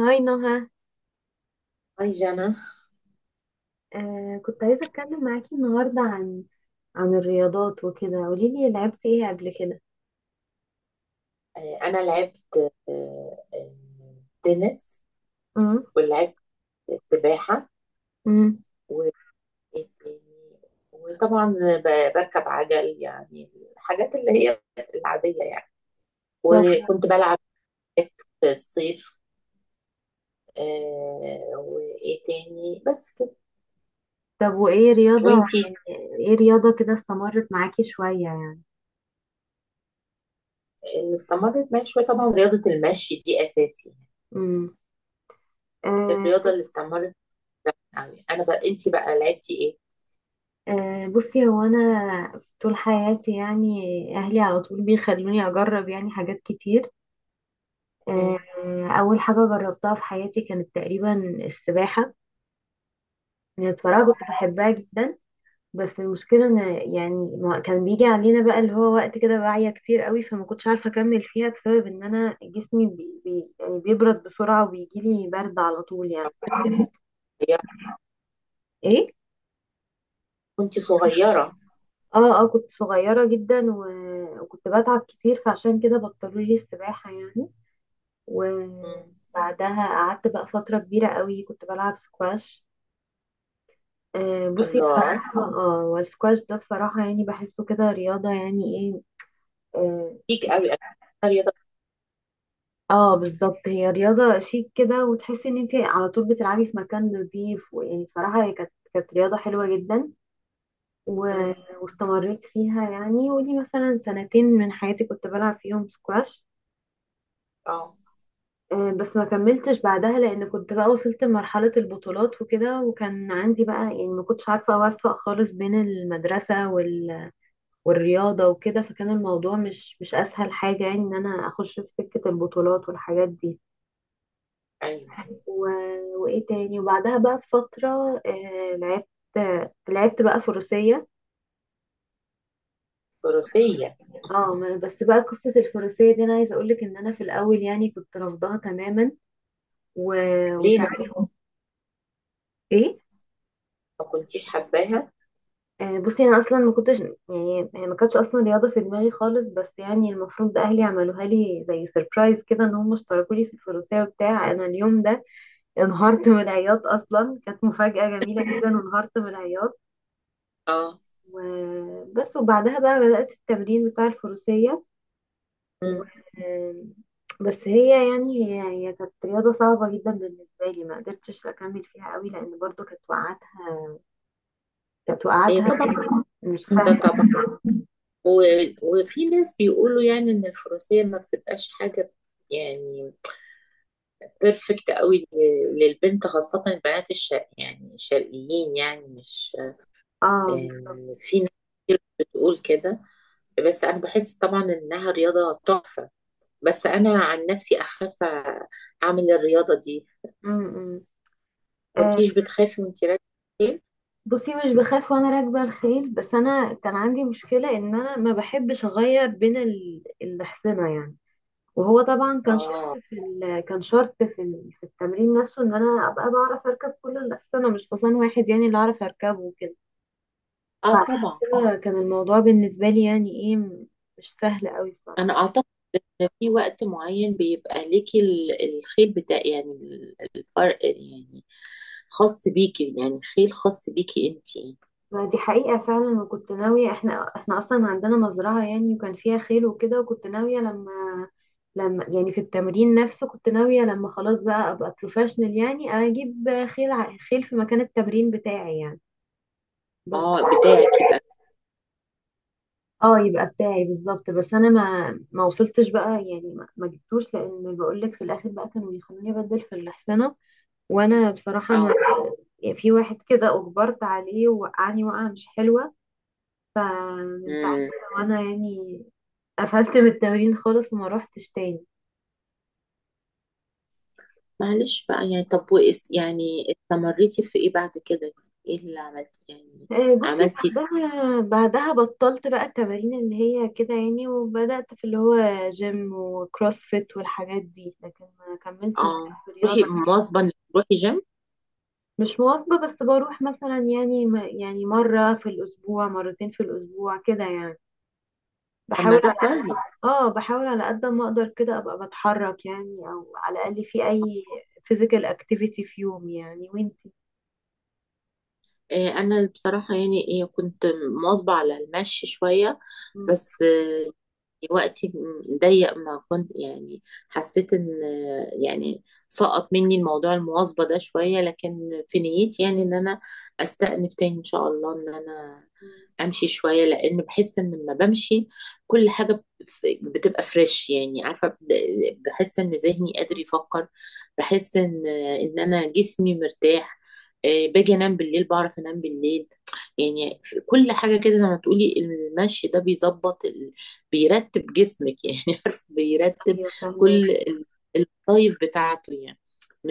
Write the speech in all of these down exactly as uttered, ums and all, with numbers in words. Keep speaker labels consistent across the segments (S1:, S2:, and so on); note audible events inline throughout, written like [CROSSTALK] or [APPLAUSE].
S1: هاي نهى.
S2: هاي جانا.
S1: آه كنت عايزة أتكلم معاكي النهاردة عن عن الرياضات وكده. قوليلي لعبتي ايه قبل كده؟
S2: آه، أنا لعبت آه، آه، تنس،
S1: امم
S2: ولعبت سباحة،
S1: امم
S2: و- وطبعا ب- بركب عجل، يعني الحاجات اللي هي العادية يعني.
S1: طب،
S2: وكنت بلعب باك في الصيف. آه، وإيه تاني؟ بس كده.
S1: طب وإيه رياضة
S2: وإنتي؟
S1: يعني، إيه رياضة كده استمرت معاكي شوية يعني؟
S2: اللي استمرت معايا شوية طبعا رياضة المشي دي أساسي يعني.
S1: امم آه
S2: الرياضة اللي استمرت يعني أنا، بقى إنتي بقى لعبتي إيه؟
S1: آه بصي، هو أنا طول حياتي يعني أهلي على طول بيخلوني أجرب يعني حاجات كتير. آه،
S2: مم.
S1: أول حاجة جربتها في حياتي كانت تقريبا السباحة. يعني بصراحة كنت
S2: اه،
S1: بحبها جدا، بس المشكلة ان، يعني ما- كان بيجي علينا بقى اللي هو وقت كده واعية كتير قوي، فما كنتش عارفة اكمل فيها بسبب ان انا جسمي بي بي يعني بيبرد بسرعة وبيجيلي برد على طول يعني.
S2: هي
S1: ايه؟
S2: كنت صغيرة.
S1: اه اه، كنت صغيرة جدا، و- وكنت بتعب كتير، فعشان كده بطلوا لي السباحة يعني.
S2: مم.
S1: وبعدها قعدت بقى فترة كبيرة قوي كنت بلعب سكواش. آه بصي،
S2: الله،
S1: بصراحة اه، والسكواش ده بصراحة يعني بحسه كده رياضة يعني ايه، آه
S2: ليك قوي، انا بحبها رياضه.
S1: اه بالظبط، هي رياضة شيك كده وتحسي ان انت على طول بتلعبي في مكان نظيف، ويعني بصراحة هي كانت كانت رياضة حلوة جدا. و...
S2: مم.
S1: واستمريت فيها يعني، ودي مثلا سنتين من حياتي كنت بلعب فيهم سكواش.
S2: اه،
S1: آه، بس ما كملتش بعدها لان كنت بقى وصلت لمرحلة البطولات وكده، وكان عندي بقى يعني ما كنتش عارفة اوفق خالص بين المدرسة وال... والرياضة وكده. فكان الموضوع مش مش اسهل حاجة يعني ان انا اخش في سكة البطولات والحاجات دي.
S2: ايوه.
S1: و... وايه تاني، وبعدها بقى بفترة آه لعبت لعبت بقى فروسية.
S2: الفروسيه؟
S1: اه ما- بس بقى قصة الفروسية دي انا عايزة اقولك ان انا في الاول يعني كنت رافضاها تماما. و...
S2: ليه ما
S1: وساعات، ايه؟
S2: ما كنتيش حباها؟
S1: آه بصي، انا اصلا ما كنتش يعني، يعني ما كانتش اصلا رياضة في دماغي خالص، بس يعني المفروض اهلي عملوها لي زي سربرايز كده، ان هم اشتركوا لي في الفروسية وبتاع. انا اليوم ده انهارت من العياط، اصلا كانت مفاجأة جميلة جدا وانهارت من العياط.
S2: اه.
S1: وبس، وبعدها بقى بدأت التمرين بتاع الفروسية. و...
S2: مم.
S1: بس هي يعني، هي هي كانت رياضة صعبة جدا بالنسبة لي. ما قدرتش أكمل فيها قوي، لأن برضو كانت وقعاتها كانت
S2: هي
S1: وقعاتها
S2: طبعا.
S1: مش سهلة.
S2: ده طبعا. و... وفي ناس بيقولوا يعني ان الفروسيه ما بتبقاش حاجه يعني بيرفكت قوي ل- للبنت، خاصه البنات الشرق، يعني الشرقيين، يعني مش،
S1: اه
S2: يعني في ناس كتير بتقول كده. بس انا بحس طبعا انها رياضه تحفه، بس انا عن نفسي اخاف اعمل الرياضه دي.
S1: م -م. آه،
S2: كنتيش بتخافي وانتي راكبه الخيل؟
S1: بصي مش بخاف وانا راكبة الخيل، بس انا كان عندي مشكلة ان انا ما بحبش اغير بين ال- الأحصنة يعني. وهو طبعا كان
S2: اه.
S1: شرط في ال... كان شرط في ال... في التمرين نفسه ان انا ابقى بعرف اركب كل الاحصنه، مش حصان واحد يعني اللي اعرف اركبه وكده.
S2: اه طبعا.
S1: كده كان الموضوع بالنسبه لي يعني ايه، م- مش سهل قوي
S2: انا
S1: بصراحه.
S2: اعتقد ان في وقت معين بيبقى ليكي ال- الخيل بتاع، يعني ال- الفرق يعني، خاص بيكي، يعني خيل خاص بيكي انتي.
S1: ما دي حقيقه فعلا. وكنت ناويه، احنا احنا اصلا عندنا مزرعه يعني وكان فيها خيل وكده، وكنت ناويه لما لما يعني في التمرين نفسه، كنت ناويه لما خلاص بقى ابقى بروفيشنال يعني اجيب خيل ع- خيل في مكان التمرين بتاعي يعني. بس
S2: اه، بتاعك يبقى.
S1: اه، يبقى بتاعي بالظبط. بس انا ما ما وصلتش بقى يعني ما, ما جبتوش، لان بقول لك في الاخر بقى كانوا يخلوني ابدل في الحصانه. وانا بصراحه، ما
S2: اه.
S1: يعني، في واحد كده اجبرت عليه ووقعني وقعه مش حلوه، فمن ساعتها
S2: امم.
S1: وانا يعني قفلت من التمرين خالص وما روحتش تاني.
S2: معلش بقى يعني. طب وإس يعني استمريتي في ايه بعد كده؟ ايه اللي عملتي يعني؟
S1: آه، بصي،
S2: عملتي
S1: بعدها بعدها بطلت بقى التمارين اللي هي كده يعني، وبدأت في اللي هو جيم وكروسفيت والحاجات دي، لكن ما كملتش بقى
S2: اه،
S1: في
S2: روحي
S1: الرياضة.
S2: مواظبة إنك تروحي جيم؟
S1: مش مواظبة، بس بروح مثلا يعني، م- يعني مرة في الأسبوع، مرتين في الأسبوع كده يعني.
S2: طب ما
S1: بحاول
S2: ده
S1: على قد
S2: كويس.
S1: [LAUGHS] اه بحاول على قد ما أقدر كده أبقى بتحرك يعني، أو على الأقل في أي physical activity في يومي يعني. وانتي؟
S2: آه، انا بصراحه يعني إيه، كنت مواظبه على المشي شويه،
S1: مم.
S2: بس وقتي ضيق، ما كنت يعني حسيت ان يعني سقط مني الموضوع المواظبة ده شوية، لكن في نيتي يعني ان انا استأنف تاني ان شاء الله، ان انا
S1: مم.
S2: امشي شوية، لان بحس ان لما بمشي كل حاجة بت- بتبقى فريش، يعني عارفة، ب- بحس ان ذهني قادر
S1: مم.
S2: يفكر، بحس ان ان انا جسمي مرتاح. إيه، باجي انام بالليل، بعرف انام بالليل يعني. في كل حاجة كده، زي ما تقولي المشي ده بيظبط، بيرتب جسمك يعني [LAUGHS] عارف، بيرتب
S1: أيوة فهماك.
S2: كل ال- الوظايف بتاعته يعني،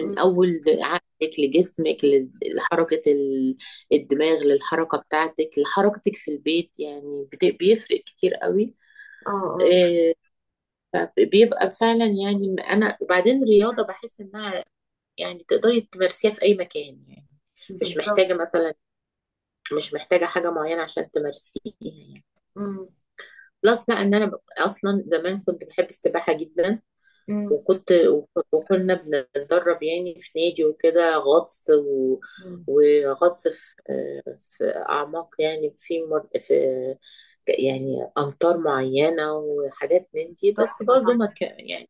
S1: مم.
S2: اول عقلك لجسمك، ل- لحركه ال- الدماغ، للحركه بتاعتك، لحركتك في البيت يعني، بت- بيفرق كتير قوي.
S1: اه اه
S2: آه، فبيبقى فعلا يعني. انا وبعدين الرياضه بحس انها يعني تقدري تمارسيها في اي مكان يعني، مش
S1: بالظبط.
S2: محتاجه مثلا، مش محتاجه حاجه معينه عشان تمارسيها يعني.
S1: مم.
S2: بلس بقى ان انا ب- اصلا زمان كنت بحب السباحه جدا،
S1: مم.
S2: وكنت، وكنا بنتدرب يعني في نادي وكده، غطس و...
S1: مم.
S2: وغطس في في أعماق، يعني في مر... في يعني أمطار معينة وحاجات من دي. بس
S1: تحفة
S2: برضو
S1: طبعا.
S2: ما كان يعني.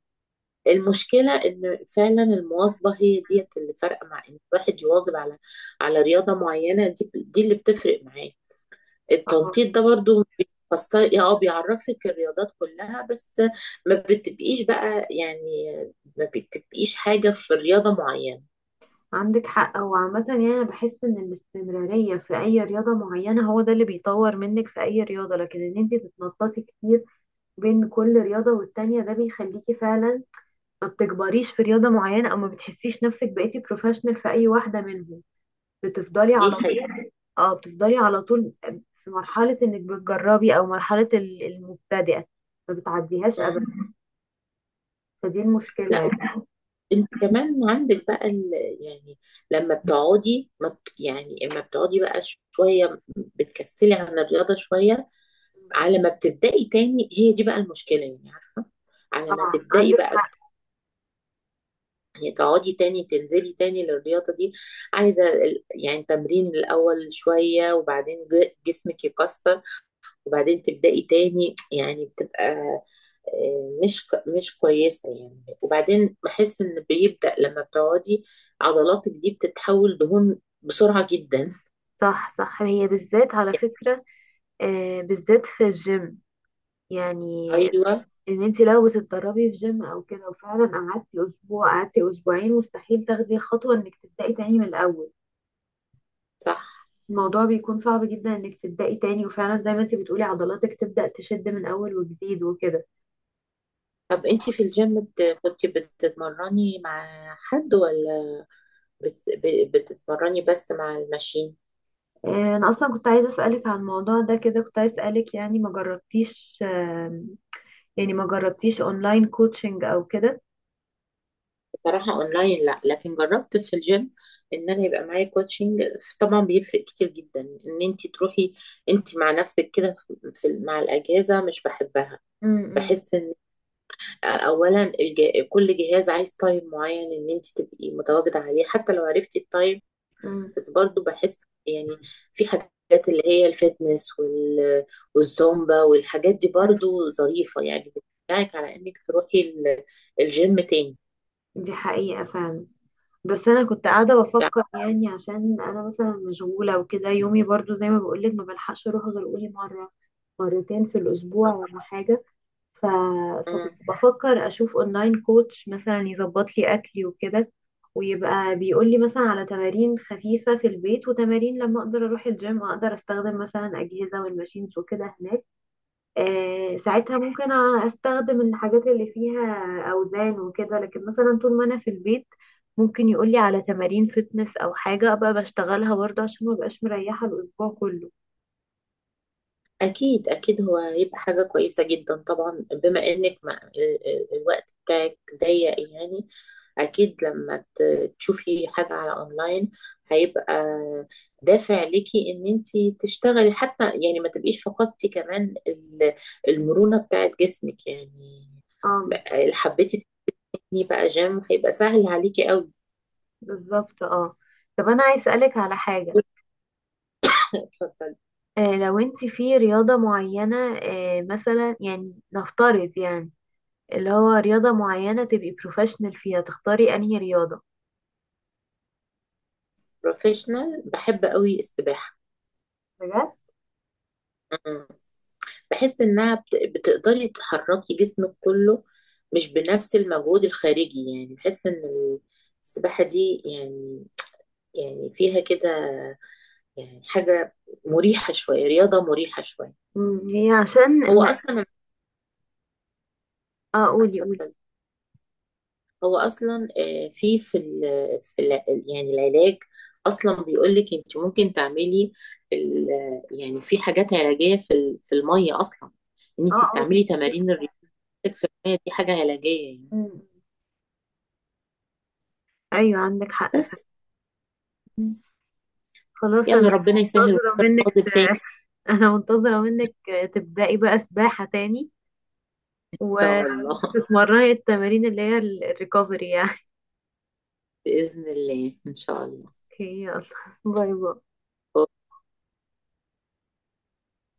S2: المشكلة إن فعلا المواظبة هي ديت اللي فارقة، مع إن الواحد يواظب على على رياضة معينة، دي دي اللي بتفرق معاه.
S1: آه.
S2: التنطيط ده برضو بيفسر، اه بيعرفك الرياضات كلها، بس ما بتبقيش بقى يعني، ما بتبقيش حاجة في رياضة معينة.
S1: عندك حق، هو عامة يعني أنا بحس إن الاستمرارية في أي رياضة معينة هو ده اللي بيطور منك في أي رياضة، لكن إن انتي تتنططي كتير بين كل رياضة والتانية، ده بيخليكي فعلا ما بتكبريش في رياضة معينة، او ما بتحسيش نفسك بقيتي بروفيشنال في اي واحدة منهم. بتفضلي
S2: دي
S1: على
S2: حقيقة.
S1: طول. اه، بتفضلي على طول في مرحلة انك بتجربي، او مرحلة ال- المبتدئة، ما بتعديهاش
S2: مم.
S1: ابدا. فدي المشكلة
S2: لا،
S1: يعني.
S2: انت كمان عندك بقى ال... يعني لما بتقعدي ما بت... يعني اما بتقعدي بقى شوية، بتكسلي عن الرياضة شوية، على ما بتبدأي تاني، هي دي بقى المشكلة يعني، عارفة؟ على ما
S1: اه
S2: تبدأي
S1: عندك
S2: بقى
S1: حق.
S2: يعني، تقعدي تاني تنزلي تاني للرياضة دي، عايزة ال- يعني تمرين الأول شوية، وبعدين ج- جسمك يكسر، وبعدين تبدأي تاني، يعني بتبقى آه، مش ك- مش كويسة يعني. وبعدين بحس إن بيبدأ لما بتقعدي عضلاتك دي بتتحول دهون بسرعة جدا.
S1: صح صح، هي بالذات على فكرة، آه بالذات في الجيم يعني،
S2: أيوة.
S1: ان انت لو بتتدربي في جيم او كده، وفعلا قعدتي اسبوع، قعدتي اسبوعين، مستحيل تاخدي الخطوة انك تبدأي تاني من الاول.
S2: صح.
S1: الموضوع بيكون صعب جدا انك تبدأي تاني، وفعلا زي ما انت بتقولي عضلاتك تبدأ تشد من اول وجديد وكده.
S2: طب أنتي في الجيم بت- كنتي بتتمرني مع حد، ولا بت- ب- بتتمرني بس مع الماشين؟
S1: آه، انا اصلا كنت عايزة اسألك عن الموضوع ده كده، كنت عايزة اسألك يعني ما جربتيش، آه، يعني ما جربتيش اونلاين كوتشنج او كده؟
S2: صراحة اونلاين لا، لكن جربت في الجيم ان انا يبقى معايا كوتشنج. طبعا بيفرق كتير جدا ان انت تروحي انت مع نفسك كده في في- مع الاجهزة، مش بحبها.
S1: امم.
S2: بحس ان اولا الج- كل جهاز عايز تايم معين ان انت تبقي متواجدة عليه، حتى لو عرفتي التايم.
S1: امم.
S2: بس برضو بحس يعني في حاجات اللي هي الفتنس وال- والزومبا والحاجات دي
S1: امم.
S2: برضو ظريفة يعني، بتشجعك على انك تروحي ال- الجيم تاني
S1: دي حقيقة فعلا. بس انا كنت قاعدة
S2: يعني.
S1: بفكر يعني، عشان انا مثلا مشغولة وكده، يومي برضو زي ما بقولك ما بلحقش اروح غير قولي مرة، مرتين في الاسبوع ولا حاجة. ف... فكنت
S2: آه.
S1: بفكر اشوف اونلاين كوتش مثلا يظبط لي اكلي وكده، ويبقى بيقول لي مثلا على تمارين خفيفة في البيت، وتمارين لما اقدر اروح الجيم اقدر استخدم مثلا اجهزة والماشينز وكده هناك. آه ساعتها ممكن استخدم الحاجات اللي فيها اوزان وكده، لكن مثلا طول ما انا في البيت، ممكن يقول لي على تمارين فتنس او حاجة ابقى بشتغلها برضه عشان ما بقاش مريحة الاسبوع كله.
S2: أكيد أكيد هو هيبقى حاجة كويسة جدا طبعا، بما إنك ما ال- ال- الوقت بتاعك ضيق يعني. أكيد لما ت- تشوفي حاجة على أونلاين، هيبقى دافع ليكي إن أنتي تشتغلي، حتى يعني ما تبقيش فقدتي كمان ال- المرونة بتاعت جسمك يعني.
S1: اه
S2: بقى- حبيتي تبني بقى جيم هيبقى سهل عليكي أوي.
S1: بالظبط، اه. طب انا عايز اسالك على حاجة،
S2: [LAUGHS] اتفضلي.
S1: آه، لو انت في رياضة معينة، آه، مثلا يعني نفترض يعني اللي هو رياضة معينة تبقي بروفيشنال فيها، تختاري انهي رياضة؟
S2: بروفيشنال بحب أوي السباحة.
S1: بجد؟
S2: بحس انها بت- بتقدري تحركي جسمك كله مش بنفس المجهود الخارجي يعني. بحس ان السباحة دي يعني، يعني فيها كده يعني حاجة مريحة شوية، رياضة مريحة شوية.
S1: مم، هي عشان
S2: هو
S1: ما...
S2: اصلا.
S1: اه قولي قولي.
S2: اتفضل. هو اصلا آه، في في ال- في الع- يعني العلاج اصلا بيقولك انت ممكن تعملي ال-، يعني في حاجات علاجية في ال-، في المية اصلا، ان
S1: اه
S2: انت
S1: اه دي
S2: تعملي تمارين
S1: صحيحة.
S2: رياضتك في المية. دي حاجة علاجية يعني.
S1: مم. ايوه عندك حق
S2: بس،
S1: فعلا. خلاص، انا
S2: يلا ربنا يسهل
S1: منتظرة
S2: ونبقى
S1: منك
S2: نواظب تاني
S1: ت- [LAUGHS] انا منتظرة منك، آه، تبدأي بقى سباحة تاني،
S2: ان
S1: و-
S2: شاء الله. [LAUGHS]
S1: وتتمرني التمارين اللي هي الريكفري يعني. [LAUGHS]
S2: باذن الله ان شاء الله.
S1: اوكي، يلا، باي باي.